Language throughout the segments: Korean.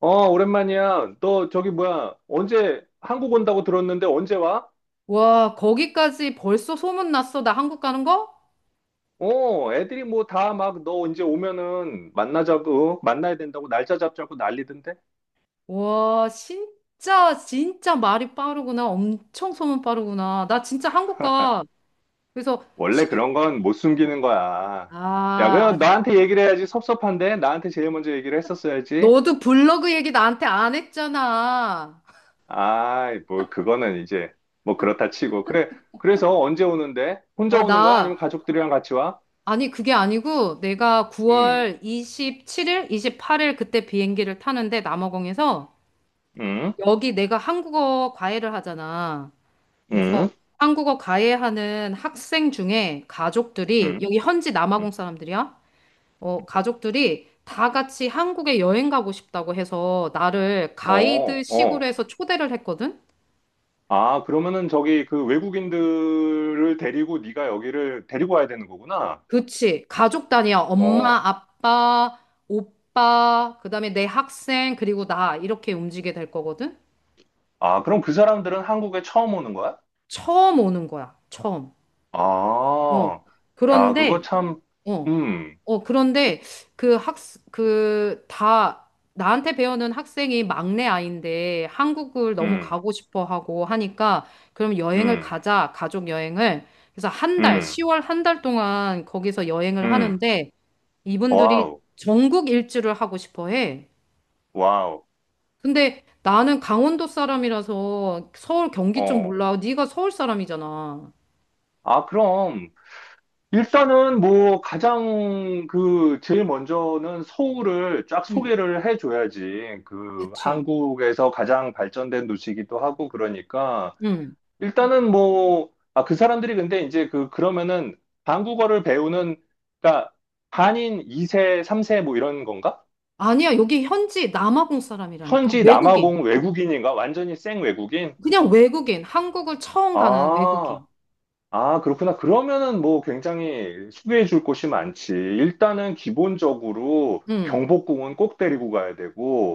어, 오랜만이야. 너 저기 뭐야? 언제 한국 온다고 들었는데 언제 와? 와, 거기까지 벌써 소문났어? 나 한국 가는 거? 어, 애들이 뭐 다 막 너 언제 오면은 만나자고 만나야 된다고 날짜 잡자고 난리던데. 와, 진짜, 진짜 말이 빠르구나. 엄청 소문 빠르구나. 나 진짜 한국 가. 그래서, 원래 시... 그런 건 못 숨기는 어. 거야. 야, 그럼 아주. 나한테 얘기를 해야지 섭섭한데 나한테 제일 먼저 얘기를 했었어야지. 너도 블로그 얘기 나한테 안 했잖아. 아이, 뭐 그거는 이제 뭐 그렇다 치고. 그래. 그래서 언제 오는데? 혼자 어, 오는 거야? 나. 아니면 가족들이랑 같이 와? 아니, 그게 아니고, 내가 음. 9월 27일, 28일 그때 비행기를 타는데, 남아공에서, 음. 여기 내가 한국어 과외를 하잖아. 음. 그래서 한국어 가해하는 학생 중에 가족들이 음. 여기 현지 음. 남아공 사람들이야. 가족들이 다 같이 한국에 여행 가고 싶다고 해서 나를 어, 가이드식으로 어. 해서 초대를 했거든. 아, 그러면은 저기 그 외국인들을 데리고 네가 여기를 데리고 와야 되는 거구나. 그치. 가족 단위야. 엄마, 어. 아빠, 오빠, 그다음에 내 학생, 그리고 나 이렇게 움직이게 될 거거든. 아, 그럼 그 사람들은 한국에 처음 오는 거야? 처음 오는 거야. 처음. 어. 아, 야, 그거 그런데 참, 어. 음, 그런데 그 학, 그 다, 나한테 배우는 학생이 막내 아이인데 한국을 너무 음, 가고 싶어 하고 하니까 그럼 여행을 음, 가자, 가족 여행을. 그래서 한 달, 음, 10월 한 달 동안 거기서 여행을 음, 하는데 이분들이 와우, 전국 일주를 하고 싶어 해. 와우, 근데 나는 강원도 사람이라서 서울 경기 쪽 어. 몰라. 네가 서울 사람이잖아. 아, 그럼 일단은 뭐 가장 그 제일 먼저는 서울을 쫙 응, 소개를 해줘야지. 그 그치. 한국에서 가장 발전된 도시이기도 하고 그러니까. 응. 일단은 뭐, 아, 그 사람들이 근데 이제 그, 그러면은 한국어를 배우는, 그러니까 한인 2세, 3세 뭐 이런 건가? 아니야, 여기 현지 남아공 사람이라니까. 현지 외국인. 남아공 외국인인가? 완전히 생 외국인? 그냥 외국인, 한국을 처음 가는 외국인. 아, 아, 그렇구나. 그러면은 뭐 굉장히 소개해 줄 곳이 많지. 일단은 기본적으로 응. 경복궁은 꼭 데리고 가야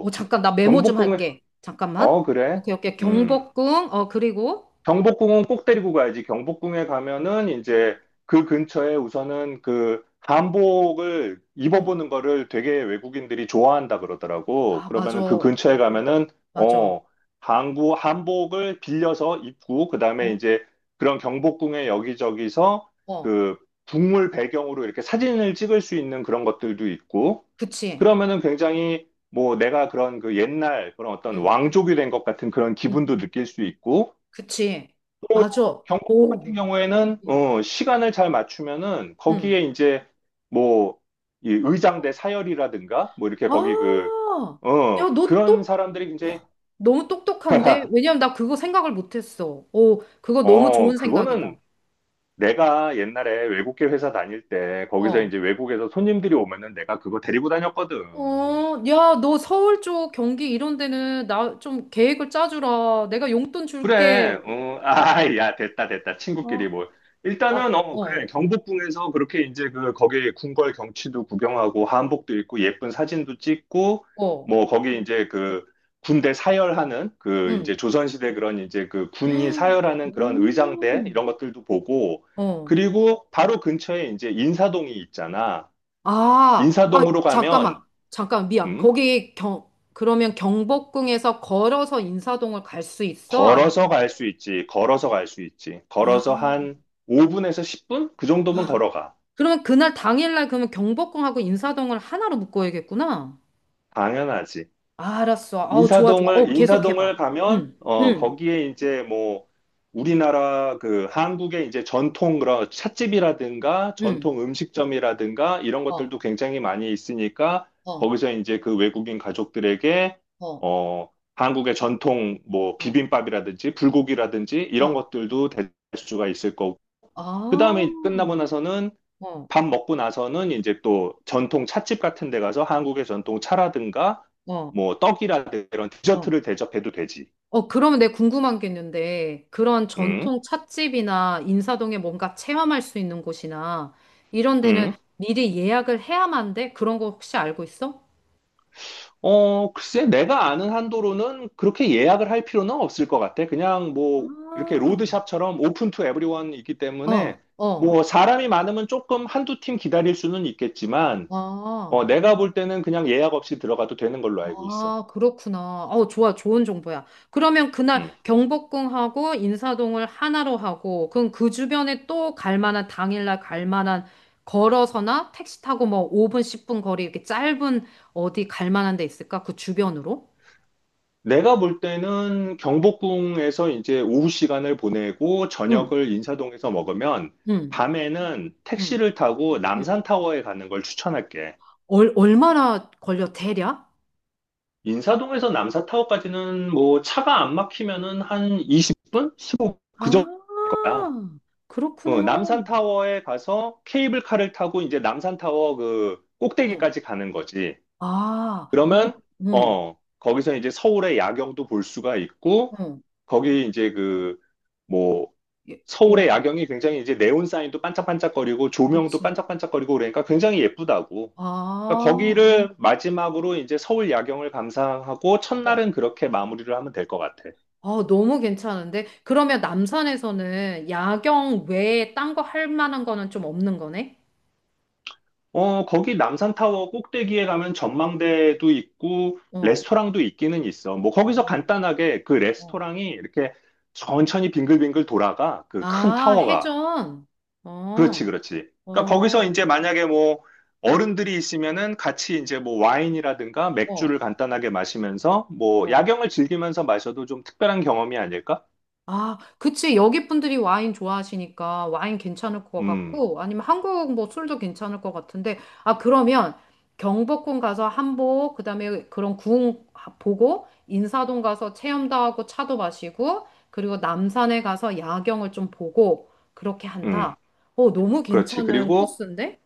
잠깐, 나 메모 좀 경복궁은, 할게. 잠깐만. 어, 그래? 오케이, 오케이. 음. 경복궁, 그리고, 경복궁은 꼭 데리고 가야지. 경복궁에 가면은 응, 이제 그 근처에 우선은 그 한복을 응. 입어보는 거를 되게 외국인들이 좋아한다 그러더라고. 아, 맞아, 그러면은 그 근처에 가면은 맞아. 어 한국 한복을 빌려서 입고 그다음에 어, 이제 그런 경복궁의 여기저기서 어, 그 북물 배경으로 이렇게 사진을 찍을 수 있는 그런 것들도 있고 그치. 그러면은 굉장히 뭐 내가 그런 그 옛날 그런 어떤 응, 왕족이 된 것 같은 그런 응, 기분도 느낄 수 있고 그치. 맞아. 경복 같은 오, 경우에는 응, 어, 시간을 잘 맞추면은 응. 거기에 이제 뭐 이 어, 의장대 사열이라든가 뭐 이렇게 거기 그 아, 야, 그런 사람들이 굉장히 너무 똑똑한데? 왜냐면 나 그거 생각을 못했어. 오, 그거 너무 어, 좋은 생각이다. 그거는 내가 옛날에 외국계 회사 다닐 때 거기서 어, 이제 외국에서 손님들이 오면은 내가 그거 데리고 다녔거든. 야, 너 서울 쪽 경기 이런 데는 나 좀 계획을 짜주라. 내가 용돈 그래, 줄게. 어, 아, 야, 됐다, 됐다. 친구끼리 어, 뭐. 아, 일단은, 어, 어, 그래. 경복궁에서 그렇게 이제 그, 거기 궁궐 경치도 구경하고, 한복도 입고, 예쁜 사진도 찍고, 어, 뭐, 거기 이제 그, 군대 사열하는, 그, 응. 이제 조선시대 그런 이제 그, 군이 사열하는 그런 의장대, 음, 이런 것들도 보고, 어. 그리고 바로 근처에 이제 인사동이 있잖아. 아, 아, 인사동으로 잠깐만. 가면, 잠깐, 미안. 음? 그러면 경복궁에서 걸어서 인사동을 갈 수 있어? 아니면, 걸어서 갈 수 있지, 걸어서 갈 수 있지. 아, 걸어서 한 5분에서 10분? 그 정도면 아. 걸어가. 그러면 그날 당일날 그러면 경복궁하고 인사동을 하나로 묶어야겠구나. 당연하지. 아, 알았어. 좋아, 좋아. 인사동을, 계속해봐. 인사동을 가면, 응, 어, 응, 거기에 이제 뭐, 우리나라 그 한국의 이제 전통 그런 찻집이라든가 응. 전통 음식점이라든가 이런 어. 것들도 굉장히 많이 있으니까 어, 거기서 이제 그 외국인 가족들에게, 어, 한국의 전통 뭐 어, 비빔밥이라든지 불고기라든지 이런 어. 것들도 될 수가 있을 거고 그 아, 다음에 끝나고 나서는 어, 밥 먹고 나서는 이제 또 전통 찻집 같은 데 가서 한국의 전통 차라든가 어, 뭐 떡이라든가 이런 어. 디저트를 대접해도 되지. 그러면 내가 궁금한 게 있는데, 그런 응? 전통 찻집이나 인사동에 뭔가 체험할 수 있는 곳이나, 이런 데는 응? 미리 예약을 해야만 돼? 그런 거 혹시 알고 있어? 어, 글쎄, 내가 아는 한도로는 그렇게 예약을 할 필요는 없을 것 같아. 그냥 뭐 이렇게 아, 로드샵처럼 오픈 투 에브리원이기 어, 때문에 어, 뭐 사람이 많으면 조금 한두 팀 기다릴 수는 있겠지만 아. 어, 내가 볼 때는 그냥 예약 없이 들어가도 되는 걸로 알고 있어. 아, 그렇구나. 좋아. 좋은 정보야. 그러면 그날 음. 경복궁하고 인사동을 하나로 하고, 그럼 그 주변에 또 갈 만한, 당일날 갈 만한, 걸어서나 택시 타고 뭐 5분, 10분 거리 이렇게 짧은 어디 갈 만한 데 있을까? 그 주변으로? 내가 볼 때는 경복궁에서 이제 오후 시간을 보내고 응, 저녁을 인사동에서 먹으면 응, 밤에는 응, 택시를 타고 응. 남산타워에 가는 걸 추천할게. 얼마나 걸려, 대략? 인사동에서 남산타워까지는 뭐 차가 안 막히면은 한 20분? 15분? 그 정도일 아, 거야. 그렇구나. 어, 남산타워에 가서 케이블카를 타고 이제 남산타워 그 응. 꼭대기까지 가는 거지. 아, 그- 그러면, 응, 어, 거기서 이제 서울의 야경도 볼 수가 있고, 응. 거기 이제 그, 뭐 여- 서울의 여러, 야경이 굉장히 이제 네온 사인도 반짝반짝거리고 조명도 그치. 반짝반짝거리고 그러니까 굉장히 예쁘다고. 그러니까 아. 거기를 마지막으로 이제 서울 야경을 감상하고 첫날은 그렇게 마무리를 하면 될 것 같아. 너무 괜찮은데? 그러면 남산에서는 야경 외에 딴 거 할 만한 거는 좀 없는 거네? 어, 거기 남산타워 꼭대기에 가면 전망대도 있고 어, 레스토랑도 있기는 있어. 뭐 거기서 어, 간단하게 그 어. 레스토랑이 이렇게 천천히 빙글빙글 돌아가. 그 큰 아, 타워가. 해전. 어, 그렇지, 그렇지. 그러니까 거기서 어, 이제 만약에 뭐 어른들이 있으면은 같이 이제 뭐 와인이라든가 어, 맥주를 간단하게 마시면서 뭐 어. 야경을 즐기면서 마셔도 좀 특별한 경험이 아닐까? 아, 그치. 여기 분들이 와인 좋아하시니까 와인 괜찮을 것 음, 같고, 아니면 한국 뭐 술도 괜찮을 것 같은데, 아, 그러면 경복궁 가서 한복, 그다음에 그런 궁 보고, 인사동 가서 체험도 하고 차도 마시고, 그리고 남산에 가서 야경을 좀 보고, 그렇게 음, 한다. 너무 그렇지. 괜찮은 그리고 코스인데?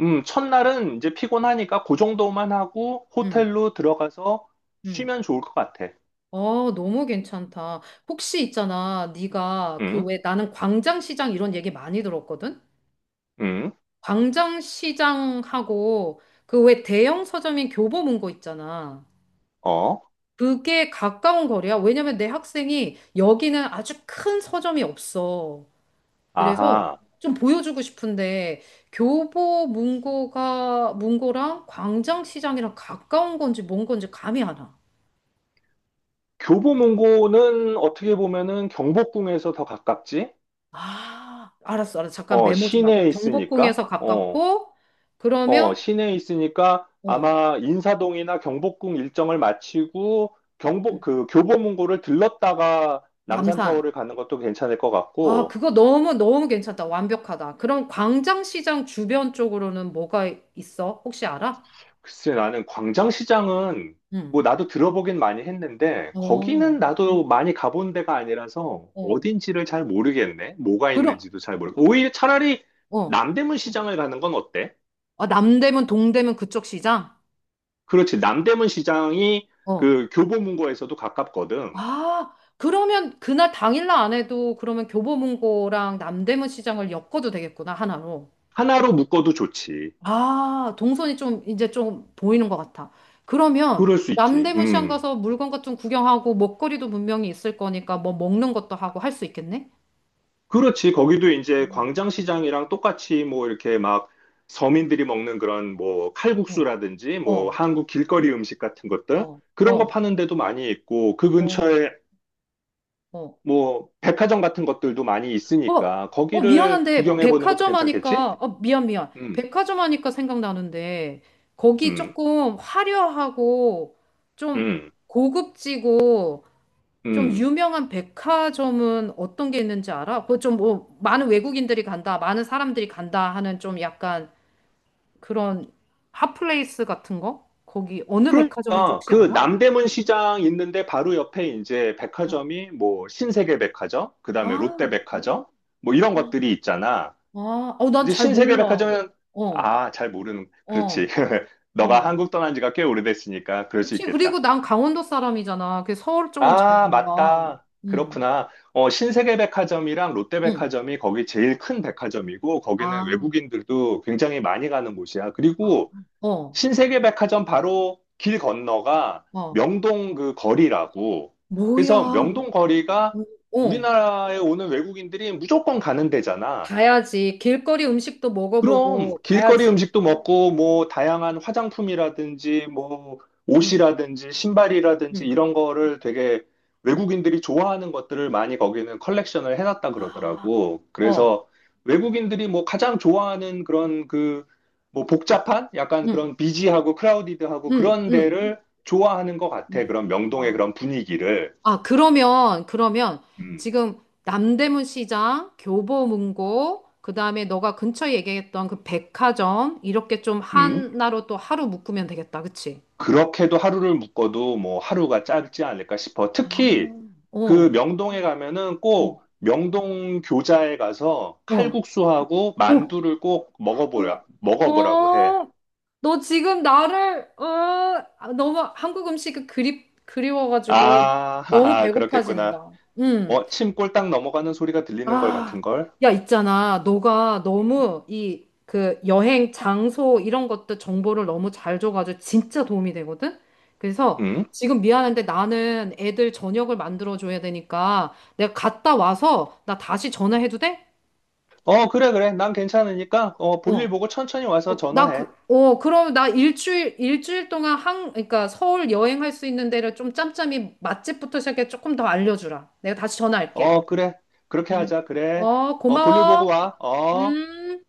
첫날은 이제 피곤하니까 그 정도만 하고 응, 호텔로 들어가서 응. 쉬면 좋을 것 같아. 너무 괜찮다. 혹시 있잖아, 네가 그 음, 왜 나는 광장시장 이런 얘기 많이 들었거든? 음, 광장시장하고 그 왜 대형 서점인 교보문고 있잖아. 어, 그게 가까운 거리야. 왜냐면 내 학생이 여기는 아주 큰 서점이 없어. 그래서 아하. 좀 보여주고 싶은데 교보문고가 문고랑 광장시장이랑 가까운 건지 뭔 건지 감이 안 와. 교보문고는 어떻게 보면은 경복궁에서 더 가깝지? 아, 알았어, 알았어. 잠깐 어, 메모 좀 하고 시내에 있으니까. 경복궁에서 어. 가깝고 어, 그러면 시내에 있으니까 어, 아마 인사동이나 경복궁 일정을 마치고 경복 그 교보문고를 들렀다가 남산. 남산타워를 가는 것도 괜찮을 것 아, 같고 그거 너무 너무 괜찮다. 완벽하다. 그럼 광장시장 주변 쪽으로는 뭐가 있어? 혹시 알아? 글쎄 나는 광장시장은 응. 뭐 나도 들어보긴 많이 했는데 어, 거기는 나도 많이 가본 데가 아니라서 어. 어딘지를 잘 모르겠네. 뭐가 그럼, 있는지도 잘 모르고 오히려 차라리 어. 남대문 시장을 가는 건 어때? 아, 남대문, 동대문 그쪽 시장? 그렇지. 남대문 시장이 어. 그 교보문고에서도 가깝거든. 아, 그러면 그날 당일날 안 해도 그러면 교보문고랑 남대문 시장을 엮어도 되겠구나, 하나로. 하나로 묶어도 좋지. 아, 동선이 좀 이제 좀 보이는 것 같아. 그러면 그럴 수 있지. 남대문 시장 음. 가서 물건 같은 거 구경하고 먹거리도 분명히 있을 거니까 뭐 먹는 것도 하고 할 수 있겠네? 그렇지. 거기도 이제 광장시장이랑 똑같이 뭐 이렇게 막 서민들이 먹는 그런 뭐 칼국수라든지 뭐 어, 한국 길거리 음식 같은 것들 어, 그런 거 어, 파는 데도 많이 있고 그 어, 근처에 어. 뭐 백화점 같은 것들도 많이 어, 있으니까 어, 거기를 미안한데, 구경해 보는 것도 백화점 괜찮겠지? 하니까, 미안, 미안. 음, 백화점 하니까 생각나는데, 거기 음, 조금 화려하고, 좀 음, 고급지고, 좀 음. 유명한 백화점은 어떤 게 있는지 알아? 그거 좀 뭐, 많은 외국인들이 간다, 많은 사람들이 간다 하는 좀 약간 그런 핫플레이스 같은 거? 거기 어느 백화점인지 그러니까 혹시 그 알아? 남대문 시장 있는데 바로 옆에 이제 어. 백화점이 뭐 신세계 백화점, 그다음에 아, 롯데 백화점 뭐 이런 것들이 있잖아. 아, 어, 난 이제 잘 몰라. 어. 신세계백화점은 아, 잘 모르는. 그렇지. 어, 너가 어. 한국 떠난 지가 꽤 오래됐으니까 그럴 수 그치. 그리고 있겠다. 난 강원도 사람이잖아. 그 서울 쪽은 잘 아, 몰라. 맞다. 응, 그렇구나. 어, 신세계백화점이랑 응. 롯데백화점이 거기 제일 큰 백화점이고 거기는 아, 외국인들도 굉장히 많이 가는 곳이야. 아, 그리고 어, 신세계백화점 바로 길 건너가 어. 명동 그 거리라고. 뭐야. 그래서 어, 명동 거리가 어. 우리나라에 오는 외국인들이 무조건 가는 데잖아. 가야지. 길거리 음식도 그럼 먹어보고 길거리 가야지. 음식도 먹고 뭐 다양한 화장품이라든지 뭐 응, 옷이라든지 신발이라든지 응. 이런 거를 되게 외국인들이 좋아하는 것들을 많이 거기는 컬렉션을 해놨다 아, 그러더라고. 어, 그래서 외국인들이 뭐 가장 좋아하는 그런 그 뭐 복잡한 약간 응, 그런 비지하고 크라우디드하고 응, 그런 응, 데를 좋아하는 것 같아. 응. 그런 명동의 그런 분위기를. 아, 그러면, 그러면 음, 지금 남대문 시장, 교보문고, 그 다음에 너가 근처에 얘기했던 그 백화점, 이렇게 좀 음. 하나로 또 하루 묶으면 되겠다. 그치? 그렇게도 하루를 묶어도 뭐 하루가 짧지 않을까 싶어. 아, 특히 그 어, 명동에 가면은 꼭 어, 명동 교자에 가서 어, 칼국수하고 어, 만두를 꼭 어, 먹어보라고 해. 어. 너 지금 나를, 어, 아, 너무 한국 음식이 그리워가지고 아, 너무 하하, 그렇겠구나. 배고파진다. 응. 어, 침 꼴딱 넘어가는 소리가 들리는 걸 아, 같은걸? 야, 있잖아. 너가 너무 이 그 여행 장소 이런 것들 정보를 너무 잘 줘가지고 진짜 도움이 되거든? 그래서 응? 지금 미안한데 나는 애들 저녁을 만들어줘야 되니까 내가 갔다 와서 나 다시 전화해도 돼? 어, 그래, 그래. 난 괜찮으니까, 어, 어. 볼일 보고 천천히 와서 전화해. 그럼 나 일주일 동안 그러니까 서울 여행할 수 있는 데를 좀 짬짬이 맛집부터 시작해 조금 더 알려주라. 내가 다시 전화할게. 어, 그래. 그렇게 음. 하자, 그래. 어, 볼일 보고 고마워. 와. 어. 음.